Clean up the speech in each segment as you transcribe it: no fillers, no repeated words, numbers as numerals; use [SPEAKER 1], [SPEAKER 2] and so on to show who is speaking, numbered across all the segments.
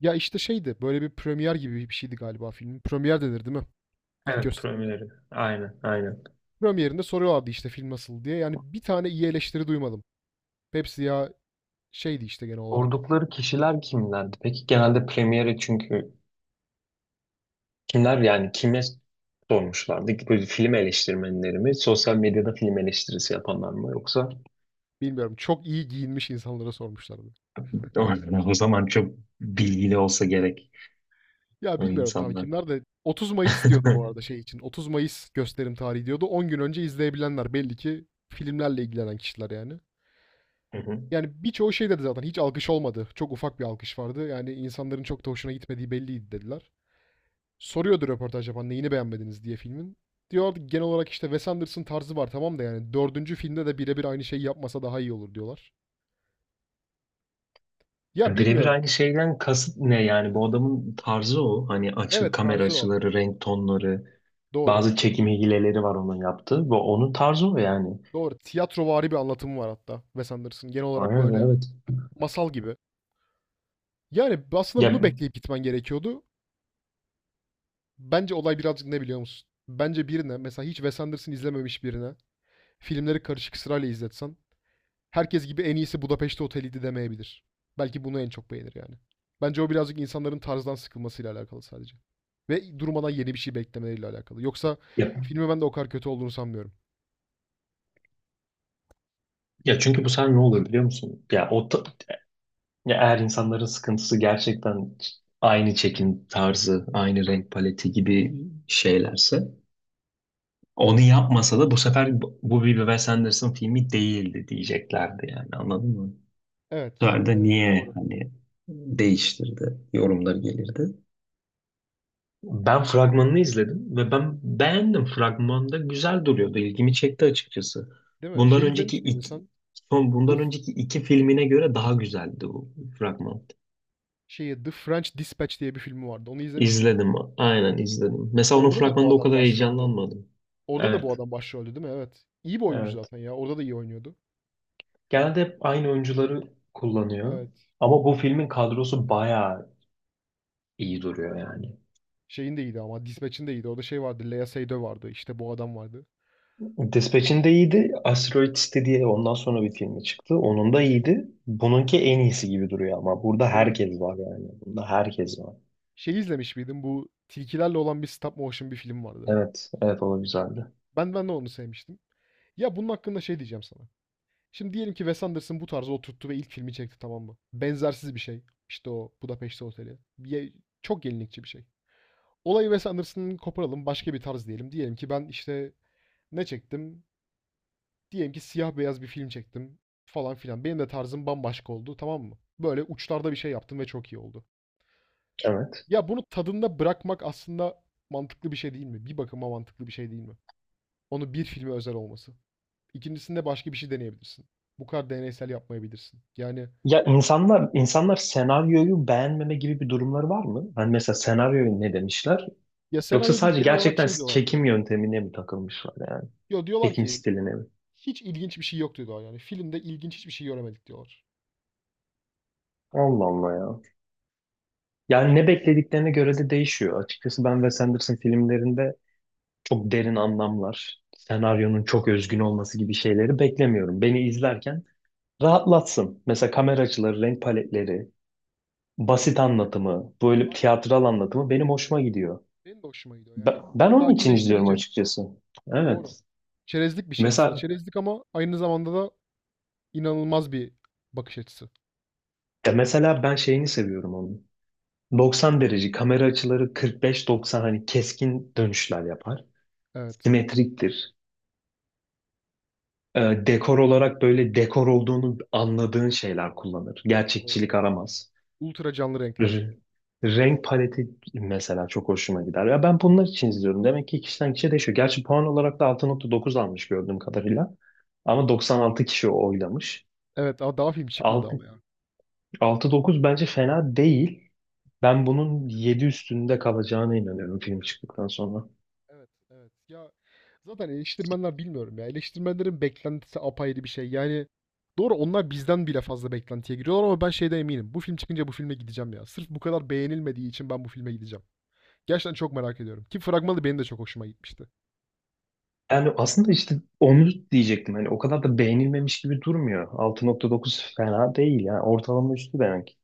[SPEAKER 1] Ya işte şeydi böyle bir premier gibi bir şeydi galiba filmin. Premier denir değil mi? İlk
[SPEAKER 2] Evet,
[SPEAKER 1] gösterimine.
[SPEAKER 2] Premier'i. Aynen, aynen.
[SPEAKER 1] Premierinde soruyorlardı işte film nasıl diye. Yani bir tane iyi eleştiri duymadım. Hepsi ya şeydi işte genel olarak.
[SPEAKER 2] Sordukları kişiler kimlerdi? Peki genelde Premier'i çünkü kimler yani kime sormuşlardı? Böyle film eleştirmenleri mi? Sosyal medyada film eleştirisi yapanlar mı? Yoksa?
[SPEAKER 1] Bilmiyorum, çok iyi giyinmiş insanlara sormuşlardı.
[SPEAKER 2] O zaman çok bilgili olsa gerek
[SPEAKER 1] Ya
[SPEAKER 2] o
[SPEAKER 1] bilmiyorum tam
[SPEAKER 2] insanlar.
[SPEAKER 1] kimler de 30 Mayıs diyordu bu arada şey için. 30 Mayıs gösterim tarihi diyordu. 10 gün önce izleyebilenler belli ki filmlerle ilgilenen kişiler yani.
[SPEAKER 2] Hı hı.
[SPEAKER 1] Yani birçoğu şey dedi, zaten hiç alkış olmadı. Çok ufak bir alkış vardı. Yani insanların çok da hoşuna gitmediği belliydi dediler. Soruyordu röportaj yapan neyini beğenmediniz diye filmin. Diyorlardı genel olarak işte Wes Anderson tarzı var tamam da yani dördüncü filmde de birebir aynı şeyi yapmasa daha iyi olur diyorlar. Ya
[SPEAKER 2] Birebir
[SPEAKER 1] bilmiyorum.
[SPEAKER 2] aynı şeyden kasıt ne yani? Bu adamın tarzı o, hani
[SPEAKER 1] Evet,
[SPEAKER 2] kamera
[SPEAKER 1] tarzı o.
[SPEAKER 2] açıları, renk tonları,
[SPEAKER 1] Doğru.
[SPEAKER 2] bazı çekim hileleri var onun yaptığı. Bu onun tarzı o yani.
[SPEAKER 1] Doğru. Tiyatrovari bir anlatımı var hatta Wes Anderson. Genel olarak
[SPEAKER 2] Aynen,
[SPEAKER 1] böyle
[SPEAKER 2] evet.
[SPEAKER 1] masal gibi. Yani aslında
[SPEAKER 2] Ya,
[SPEAKER 1] bunu bekleyip gitmen gerekiyordu. Bence olay birazcık ne biliyor musun? Bence birine, mesela hiç Wes Anderson izlememiş birine filmleri karışık sırayla izletsen herkes gibi en iyisi Budapeşte Oteli'ydi demeyebilir. Belki bunu en çok beğenir yani. Bence o birazcık insanların tarzdan sıkılmasıyla alakalı sadece. Ve durmadan yeni bir şey beklemeleriyle alakalı. Yoksa
[SPEAKER 2] ya.
[SPEAKER 1] filmi ben de o kadar kötü olduğunu sanmıyorum.
[SPEAKER 2] Ya çünkü bu sefer ne olur biliyor musun? Ya eğer insanların sıkıntısı gerçekten aynı çekim tarzı, aynı renk paleti gibi şeylerse, onu yapmasa da bu sefer bu bir Wes Anderson filmi değildi diyeceklerdi yani, anladın mı? Bu
[SPEAKER 1] Evet,
[SPEAKER 2] sefer de
[SPEAKER 1] evet,
[SPEAKER 2] niye
[SPEAKER 1] doğru.
[SPEAKER 2] hani değiştirdi yorumları gelirdi. Ben fragmanını izledim ve ben beğendim. Fragmanda güzel duruyordu. İlgimi çekti açıkçası.
[SPEAKER 1] Değil mi?
[SPEAKER 2] Bundan
[SPEAKER 1] Şey
[SPEAKER 2] önceki
[SPEAKER 1] izlemiş miydin
[SPEAKER 2] iki,
[SPEAKER 1] sen?
[SPEAKER 2] son
[SPEAKER 1] The
[SPEAKER 2] bundan
[SPEAKER 1] F-
[SPEAKER 2] önceki iki filmine göre daha güzeldi bu fragman.
[SPEAKER 1] şeyi, The French Dispatch diye bir filmi vardı. Onu izlemiş miydin?
[SPEAKER 2] İzledim. Aynen izledim. Mesela onun
[SPEAKER 1] Orada da bu
[SPEAKER 2] fragmanında o
[SPEAKER 1] adam
[SPEAKER 2] kadar
[SPEAKER 1] başroldü.
[SPEAKER 2] heyecanlanmadım.
[SPEAKER 1] Orada da bu
[SPEAKER 2] Evet,
[SPEAKER 1] adam başroldü değil mi? Evet. İyi bir oyuncu
[SPEAKER 2] evet.
[SPEAKER 1] zaten ya. Orada da iyi oynuyordu.
[SPEAKER 2] Genelde hep aynı oyuncuları kullanıyor.
[SPEAKER 1] Evet.
[SPEAKER 2] Ama bu filmin kadrosu bayağı iyi duruyor yani.
[SPEAKER 1] Şeyin de iyiydi ama. Dispatch'in de iyiydi. Orada şey vardı. Lea Seydoux vardı. İşte bu adam vardı.
[SPEAKER 2] Dispatch'in de iyiydi. Asteroid City diye ondan sonra bir filmi çıktı. Onun da iyiydi. Bununki en iyisi gibi duruyor ama burada
[SPEAKER 1] Değil mi?
[SPEAKER 2] herkes var yani. Bunda herkes var.
[SPEAKER 1] Şeyi izlemiş miydin? Bu tilkilerle olan bir stop motion bir film vardı.
[SPEAKER 2] Evet, evet, o da güzeldi.
[SPEAKER 1] Ben de onu sevmiştim. Ya bunun hakkında şey diyeceğim sana. Şimdi diyelim ki Wes Anderson bu tarzı oturttu ve ilk filmi çekti, tamam mı? Benzersiz bir şey. İşte o Budapest Oteli. Çok yenilikçi bir şey. Olayı Wes Anderson'ın koparalım, başka bir tarz diyelim. Diyelim ki ben işte ne çektim? Diyelim ki siyah beyaz bir film çektim falan filan. Benim de tarzım bambaşka oldu, tamam mı? Böyle uçlarda bir şey yaptım ve çok iyi oldu.
[SPEAKER 2] Evet.
[SPEAKER 1] Ya bunu tadında bırakmak aslında mantıklı bir şey değil mi? Bir bakıma mantıklı bir şey değil mi? Onu bir filme özel olması. İkincisinde başka bir şey deneyebilirsin. Bu kadar deneysel yapmayabilirsin. Yani
[SPEAKER 2] Ya insanlar senaryoyu beğenmeme gibi bir durumları var mı? Hani mesela senaryoyu ne demişler?
[SPEAKER 1] ya
[SPEAKER 2] Yoksa
[SPEAKER 1] senaryo değil,
[SPEAKER 2] sadece
[SPEAKER 1] genel olarak
[SPEAKER 2] gerçekten
[SPEAKER 1] şey diyorlardı.
[SPEAKER 2] çekim yöntemine mi takılmışlar yani?
[SPEAKER 1] Yo, diyorlar
[SPEAKER 2] Çekim
[SPEAKER 1] ki
[SPEAKER 2] stiline mi?
[SPEAKER 1] hiç ilginç bir şey yok diyorlar yani. Filmde ilginç hiçbir şey göremedik diyorlar.
[SPEAKER 2] Allah Allah ya. Yani ne beklediklerine göre de değişiyor. Açıkçası ben Wes Anderson filmlerinde çok derin anlamlar, senaryonun çok özgün olması gibi şeyleri beklemiyorum. Beni izlerken rahatlatsın. Mesela kamera açıları, renk paletleri, basit anlatımı, böyle
[SPEAKER 1] Aynen öyle.
[SPEAKER 2] tiyatral anlatımı benim hoşuma gidiyor.
[SPEAKER 1] Benim de hoşuma gidiyor.
[SPEAKER 2] Ben,
[SPEAKER 1] Yani
[SPEAKER 2] ben onun için izliyorum
[SPEAKER 1] sakinleştirici.
[SPEAKER 2] açıkçası. Evet.
[SPEAKER 1] Doğru. Çerezlik bir şey aslında.
[SPEAKER 2] Mesela
[SPEAKER 1] Çerezlik ama aynı zamanda da inanılmaz bir bakış açısı.
[SPEAKER 2] mesela ben şeyini seviyorum onun. 90 derece kamera açıları, 45-90, hani keskin dönüşler yapar.
[SPEAKER 1] Evet.
[SPEAKER 2] Simetriktir. Ee, Dekor olarak böyle dekor olduğunu anladığın şeyler kullanır.
[SPEAKER 1] Doğru.
[SPEAKER 2] Gerçekçilik aramaz.
[SPEAKER 1] Ultra canlı renkler.
[SPEAKER 2] R- Renk paleti mesela çok hoşuma gider. Ya ben bunlar için izliyorum. Demek ki kişiden kişiye değişiyor. Gerçi puan olarak da 6,9 almış gördüğüm kadarıyla. Ama 96 kişi oylamış.
[SPEAKER 1] Evet, daha film çıkmadı
[SPEAKER 2] Altı
[SPEAKER 1] ama ya.
[SPEAKER 2] altı dokuz bence fena değil. Ben bunun 7 üstünde kalacağına inanıyorum film çıktıktan sonra.
[SPEAKER 1] Evet, evet. Ya zaten eleştirmenler, bilmiyorum ya. Eleştirmenlerin beklentisi apayrı bir şey. Yani doğru, onlar bizden bile fazla beklentiye giriyorlar ama ben şeyde eminim. Bu film çıkınca bu filme gideceğim ya. Sırf bu kadar beğenilmediği için ben bu filme gideceğim. Gerçekten çok merak ediyorum. Ki fragmanı benim de çok hoşuma gitmişti.
[SPEAKER 2] Yani aslında işte onu diyecektim. Hani o kadar da beğenilmemiş gibi durmuyor. 6,9 fena değil ya. Ortalama üstü demek.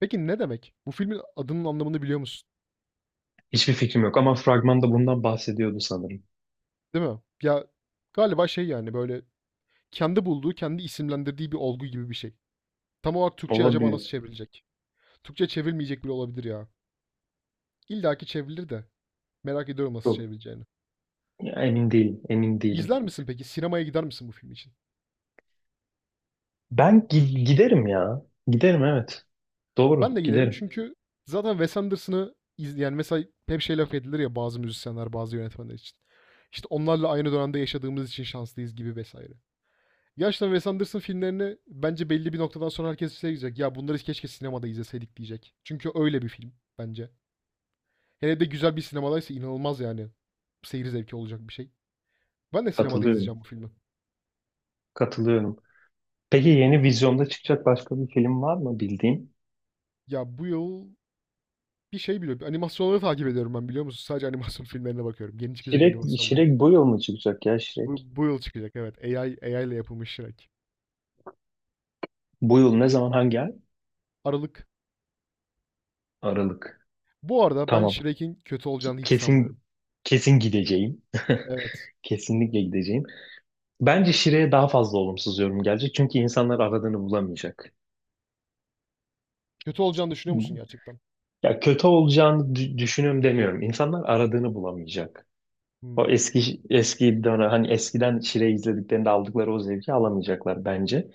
[SPEAKER 1] Peki ne demek? Bu filmin adının anlamını biliyor musun?
[SPEAKER 2] Hiçbir fikrim yok ama fragmanda bundan bahsediyordu sanırım.
[SPEAKER 1] Değil mi? Ya galiba şey, yani böyle kendi bulduğu, kendi isimlendirdiği bir olgu gibi bir şey. Tam olarak Türkçe'ye acaba
[SPEAKER 2] Olabilir.
[SPEAKER 1] nasıl çevrilecek? Türkçe çevrilmeyecek bile olabilir ya. İlla ki çevrilir de merak ediyorum nasıl
[SPEAKER 2] Çok.
[SPEAKER 1] çevrileceğini.
[SPEAKER 2] Ya, emin değilim, emin değilim.
[SPEAKER 1] İzler misin peki? Sinemaya gider misin bu film için?
[SPEAKER 2] Ben giderim ya. Giderim evet.
[SPEAKER 1] Ben de
[SPEAKER 2] Doğru,
[SPEAKER 1] giderim
[SPEAKER 2] giderim.
[SPEAKER 1] çünkü zaten Wes Anderson'ı izleyen, yani mesela hep şey laf edilir ya bazı müzisyenler, bazı yönetmenler için. İşte onlarla aynı dönemde yaşadığımız için şanslıyız gibi vesaire. Gerçekten Wes Anderson filmlerini bence belli bir noktadan sonra herkes şey diyecek. Ya bunları keşke sinemada izleseydik diyecek. Çünkü öyle bir film bence. Hele de güzel bir sinemadaysa inanılmaz yani. Seyir zevki olacak bir şey. Ben de sinemada
[SPEAKER 2] Katılıyorum,
[SPEAKER 1] izleyeceğim bu filmi.
[SPEAKER 2] katılıyorum. Peki yeni vizyonda çıkacak başka bir film var mı bildiğin?
[SPEAKER 1] Ya bu yıl bir şey biliyorum. Animasyonları takip ediyorum ben, biliyor musun? Sadece animasyon filmlerine bakıyorum. Yeni çıkacak
[SPEAKER 2] Şirek,
[SPEAKER 1] animasyonlara.
[SPEAKER 2] Şirek bu yıl mı çıkacak ya Şirek?
[SPEAKER 1] Bu yıl çıkacak, evet. AI ile yapılmış Shrek.
[SPEAKER 2] Bu yıl ne zaman hangi ay?
[SPEAKER 1] Aralık.
[SPEAKER 2] Aralık.
[SPEAKER 1] Bu arada ben
[SPEAKER 2] Tamam.
[SPEAKER 1] Shrek'in kötü olacağını hiç sanmıyorum.
[SPEAKER 2] Kesin kesin gideceğim.
[SPEAKER 1] Evet.
[SPEAKER 2] Kesinlikle gideceğim. Bence Şire'ye daha fazla olumsuz yorum gelecek. Çünkü insanlar aradığını bulamayacak.
[SPEAKER 1] Kötü olacağını düşünüyor musun gerçekten?
[SPEAKER 2] Ya kötü olacağını düşünüyorum demiyorum. İnsanlar aradığını bulamayacak. O
[SPEAKER 1] Hmm,
[SPEAKER 2] eski eski dönem, hani eskiden Shrek izlediklerinde aldıkları o zevki alamayacaklar bence.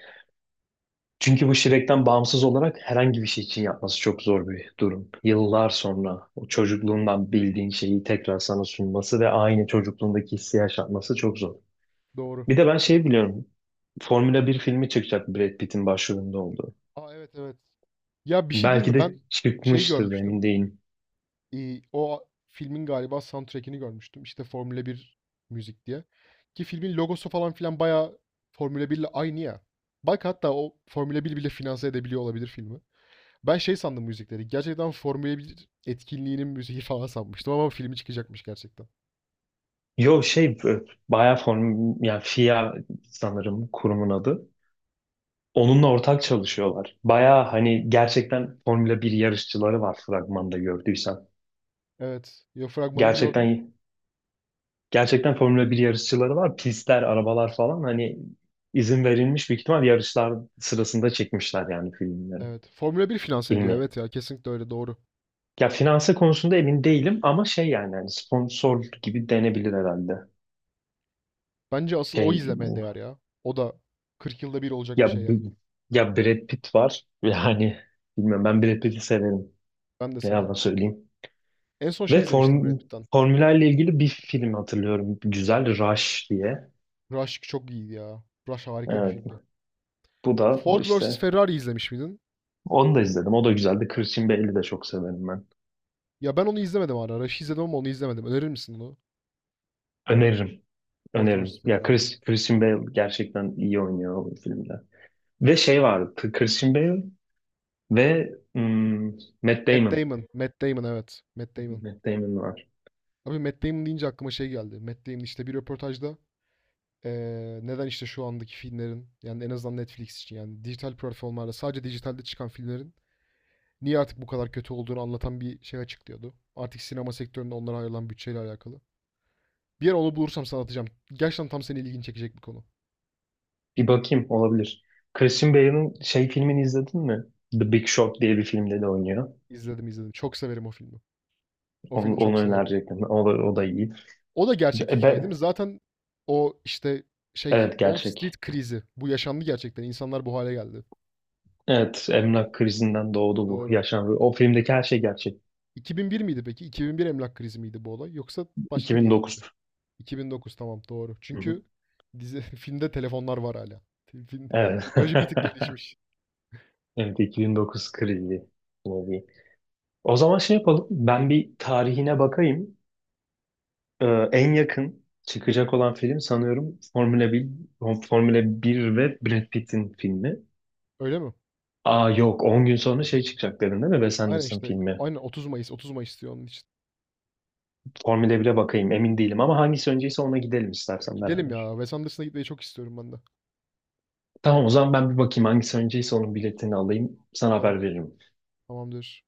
[SPEAKER 2] Çünkü bu Shrek'ten bağımsız olarak herhangi bir şey için yapması çok zor bir durum. Yıllar sonra o çocukluğundan bildiğin şeyi tekrar sana sunması ve aynı çocukluğundaki hissi yaşatması çok zor.
[SPEAKER 1] doğru.
[SPEAKER 2] Bir de ben şey
[SPEAKER 1] Doğru.
[SPEAKER 2] biliyorum. Formula 1 filmi çıkacak Brad Pitt'in başrolünde olduğu.
[SPEAKER 1] Aa, evet, evet. Ya bir şey diyeyim
[SPEAKER 2] Belki
[SPEAKER 1] mi?
[SPEAKER 2] de
[SPEAKER 1] Ben şey
[SPEAKER 2] çıkmıştır da emin
[SPEAKER 1] görmüştüm.
[SPEAKER 2] değilim.
[SPEAKER 1] O filmin galiba soundtrack'ini görmüştüm. İşte Formula bir müzik diye, ki filmin logosu falan filan bayağı Formula 1'le aynı ya. Bak hatta o Formula bir bile finanse edebiliyor olabilir filmi. Ben şey sandım müzikleri, gerçekten Formula bir etkinliğinin müziği falan sanmıştım ama filmi çıkacakmış gerçekten.
[SPEAKER 2] Yo, bayağı yani FIA sanırım kurumun adı. Onunla ortak çalışıyorlar. Baya hani gerçekten Formula 1 yarışçıları var fragmanda gördüysen.
[SPEAKER 1] Evet, ya fragmanını gördüm.
[SPEAKER 2] Gerçekten gerçekten Formula 1 yarışçıları var. Pistler, arabalar falan, hani izin verilmiş büyük ihtimal yarışlar sırasında çekmişler yani filmleri.
[SPEAKER 1] Evet, Formula bir finanse ediyor,
[SPEAKER 2] Filmi.
[SPEAKER 1] evet ya, kesinlikle öyle, doğru.
[SPEAKER 2] Ya finanse konusunda emin değilim ama şey yani hani sponsor gibi denebilir herhalde.
[SPEAKER 1] Bence asıl o
[SPEAKER 2] Şey
[SPEAKER 1] izlemeye değer ya. O da 40 yılda bir olacak bir
[SPEAKER 2] ya
[SPEAKER 1] şey yani.
[SPEAKER 2] ya Brad Pitt var. Yani bilmiyorum, ben Brad Pitt'i severim.
[SPEAKER 1] Ben de
[SPEAKER 2] Ne yalan
[SPEAKER 1] severim.
[SPEAKER 2] söyleyeyim.
[SPEAKER 1] En son şey
[SPEAKER 2] Ve
[SPEAKER 1] izlemiştim Brad Pitt'ten.
[SPEAKER 2] formülerle ilgili bir film hatırlıyorum. Güzel, Rush diye.
[SPEAKER 1] Rush çok iyiydi ya. Rush harika bir
[SPEAKER 2] Evet.
[SPEAKER 1] filmdi.
[SPEAKER 2] Bu da bu
[SPEAKER 1] Ford vs
[SPEAKER 2] işte.
[SPEAKER 1] Ferrari izlemiş miydin?
[SPEAKER 2] Onu da izledim. O da güzeldi. Christian Bale'i de çok severim ben.
[SPEAKER 1] Ya ben onu izlemedim hala. Rush'ı izledim ama onu izlemedim. Önerir misin onu?
[SPEAKER 2] Öneririm.
[SPEAKER 1] Ford vs
[SPEAKER 2] Öneririm. Ya
[SPEAKER 1] Ferrari'yi.
[SPEAKER 2] Christian Bale gerçekten iyi oynuyor o filmde. Ve şey vardı. Christian Bale ve Matt
[SPEAKER 1] Matt
[SPEAKER 2] Damon.
[SPEAKER 1] Damon. Matt Damon, evet. Matt Damon.
[SPEAKER 2] Matt Damon var.
[SPEAKER 1] Abi Matt Damon deyince aklıma şey geldi. Matt Damon işte bir röportajda neden işte şu andaki filmlerin, yani en azından Netflix için, yani dijital platformlarda sadece dijitalde çıkan filmlerin niye artık bu kadar kötü olduğunu anlatan bir şey açıklıyordu. Artık sinema sektöründe onlara ayrılan bütçeyle alakalı. Bir yer onu bulursam sana atacağım. Gerçekten tam seni ilgini çekecek bir konu.
[SPEAKER 2] Bir bakayım, olabilir. Christian Bale'ın şey filmini izledin mi? The Big Short diye bir filmde de oynuyor.
[SPEAKER 1] İzledim, izledim. Çok severim o filmi. O
[SPEAKER 2] Onu,
[SPEAKER 1] filmi
[SPEAKER 2] onu
[SPEAKER 1] çok severim.
[SPEAKER 2] önerecektim. O da iyi.
[SPEAKER 1] O da gerçek
[SPEAKER 2] Be,
[SPEAKER 1] hikâye değil mi?
[SPEAKER 2] be-
[SPEAKER 1] Zaten o, işte, şey,
[SPEAKER 2] evet,
[SPEAKER 1] Wall Street
[SPEAKER 2] gerçek.
[SPEAKER 1] krizi. Bu yaşandı gerçekten. İnsanlar bu hale geldi.
[SPEAKER 2] Evet, emlak krizinden doğdu, bu
[SPEAKER 1] Doğru.
[SPEAKER 2] yaşandı. O filmdeki her şey gerçek.
[SPEAKER 1] 2001 miydi peki? 2001 emlak krizi miydi bu olay yoksa başka bir yıl
[SPEAKER 2] 2009.
[SPEAKER 1] mıydı? 2009, tamam, doğru.
[SPEAKER 2] Hı hı.
[SPEAKER 1] Çünkü dizi filmde telefonlar var hala. film
[SPEAKER 2] Evet.
[SPEAKER 1] Teknoloji bir tık gelişmiş.
[SPEAKER 2] Evet, 2009 krizi. Ne diyeyim. O zaman şey yapalım. Ben bir tarihine bakayım. Ee, En yakın çıkacak olan film sanıyorum Formula 1 ve Brad Pitt'in filmi.
[SPEAKER 1] Öyle mi?
[SPEAKER 2] Aa yok, 10 gün sonra şey çıkacak dedin değil mi? Wes
[SPEAKER 1] Aynen
[SPEAKER 2] Anderson
[SPEAKER 1] işte.
[SPEAKER 2] filmi.
[SPEAKER 1] Aynen 30 Mayıs. 30 Mayıs diyor onun için.
[SPEAKER 2] Formula 1'e bakayım, emin değilim, ama hangisi önceyse ona gidelim istersen
[SPEAKER 1] Gidelim
[SPEAKER 2] beraber.
[SPEAKER 1] ya. Wes Anderson'a gitmeyi çok istiyorum ben de.
[SPEAKER 2] Tamam, o zaman ben bir bakayım hangisi önceyse onun biletini alayım, sana
[SPEAKER 1] Bakalım
[SPEAKER 2] haber
[SPEAKER 1] bir.
[SPEAKER 2] veririm.
[SPEAKER 1] Tamamdır.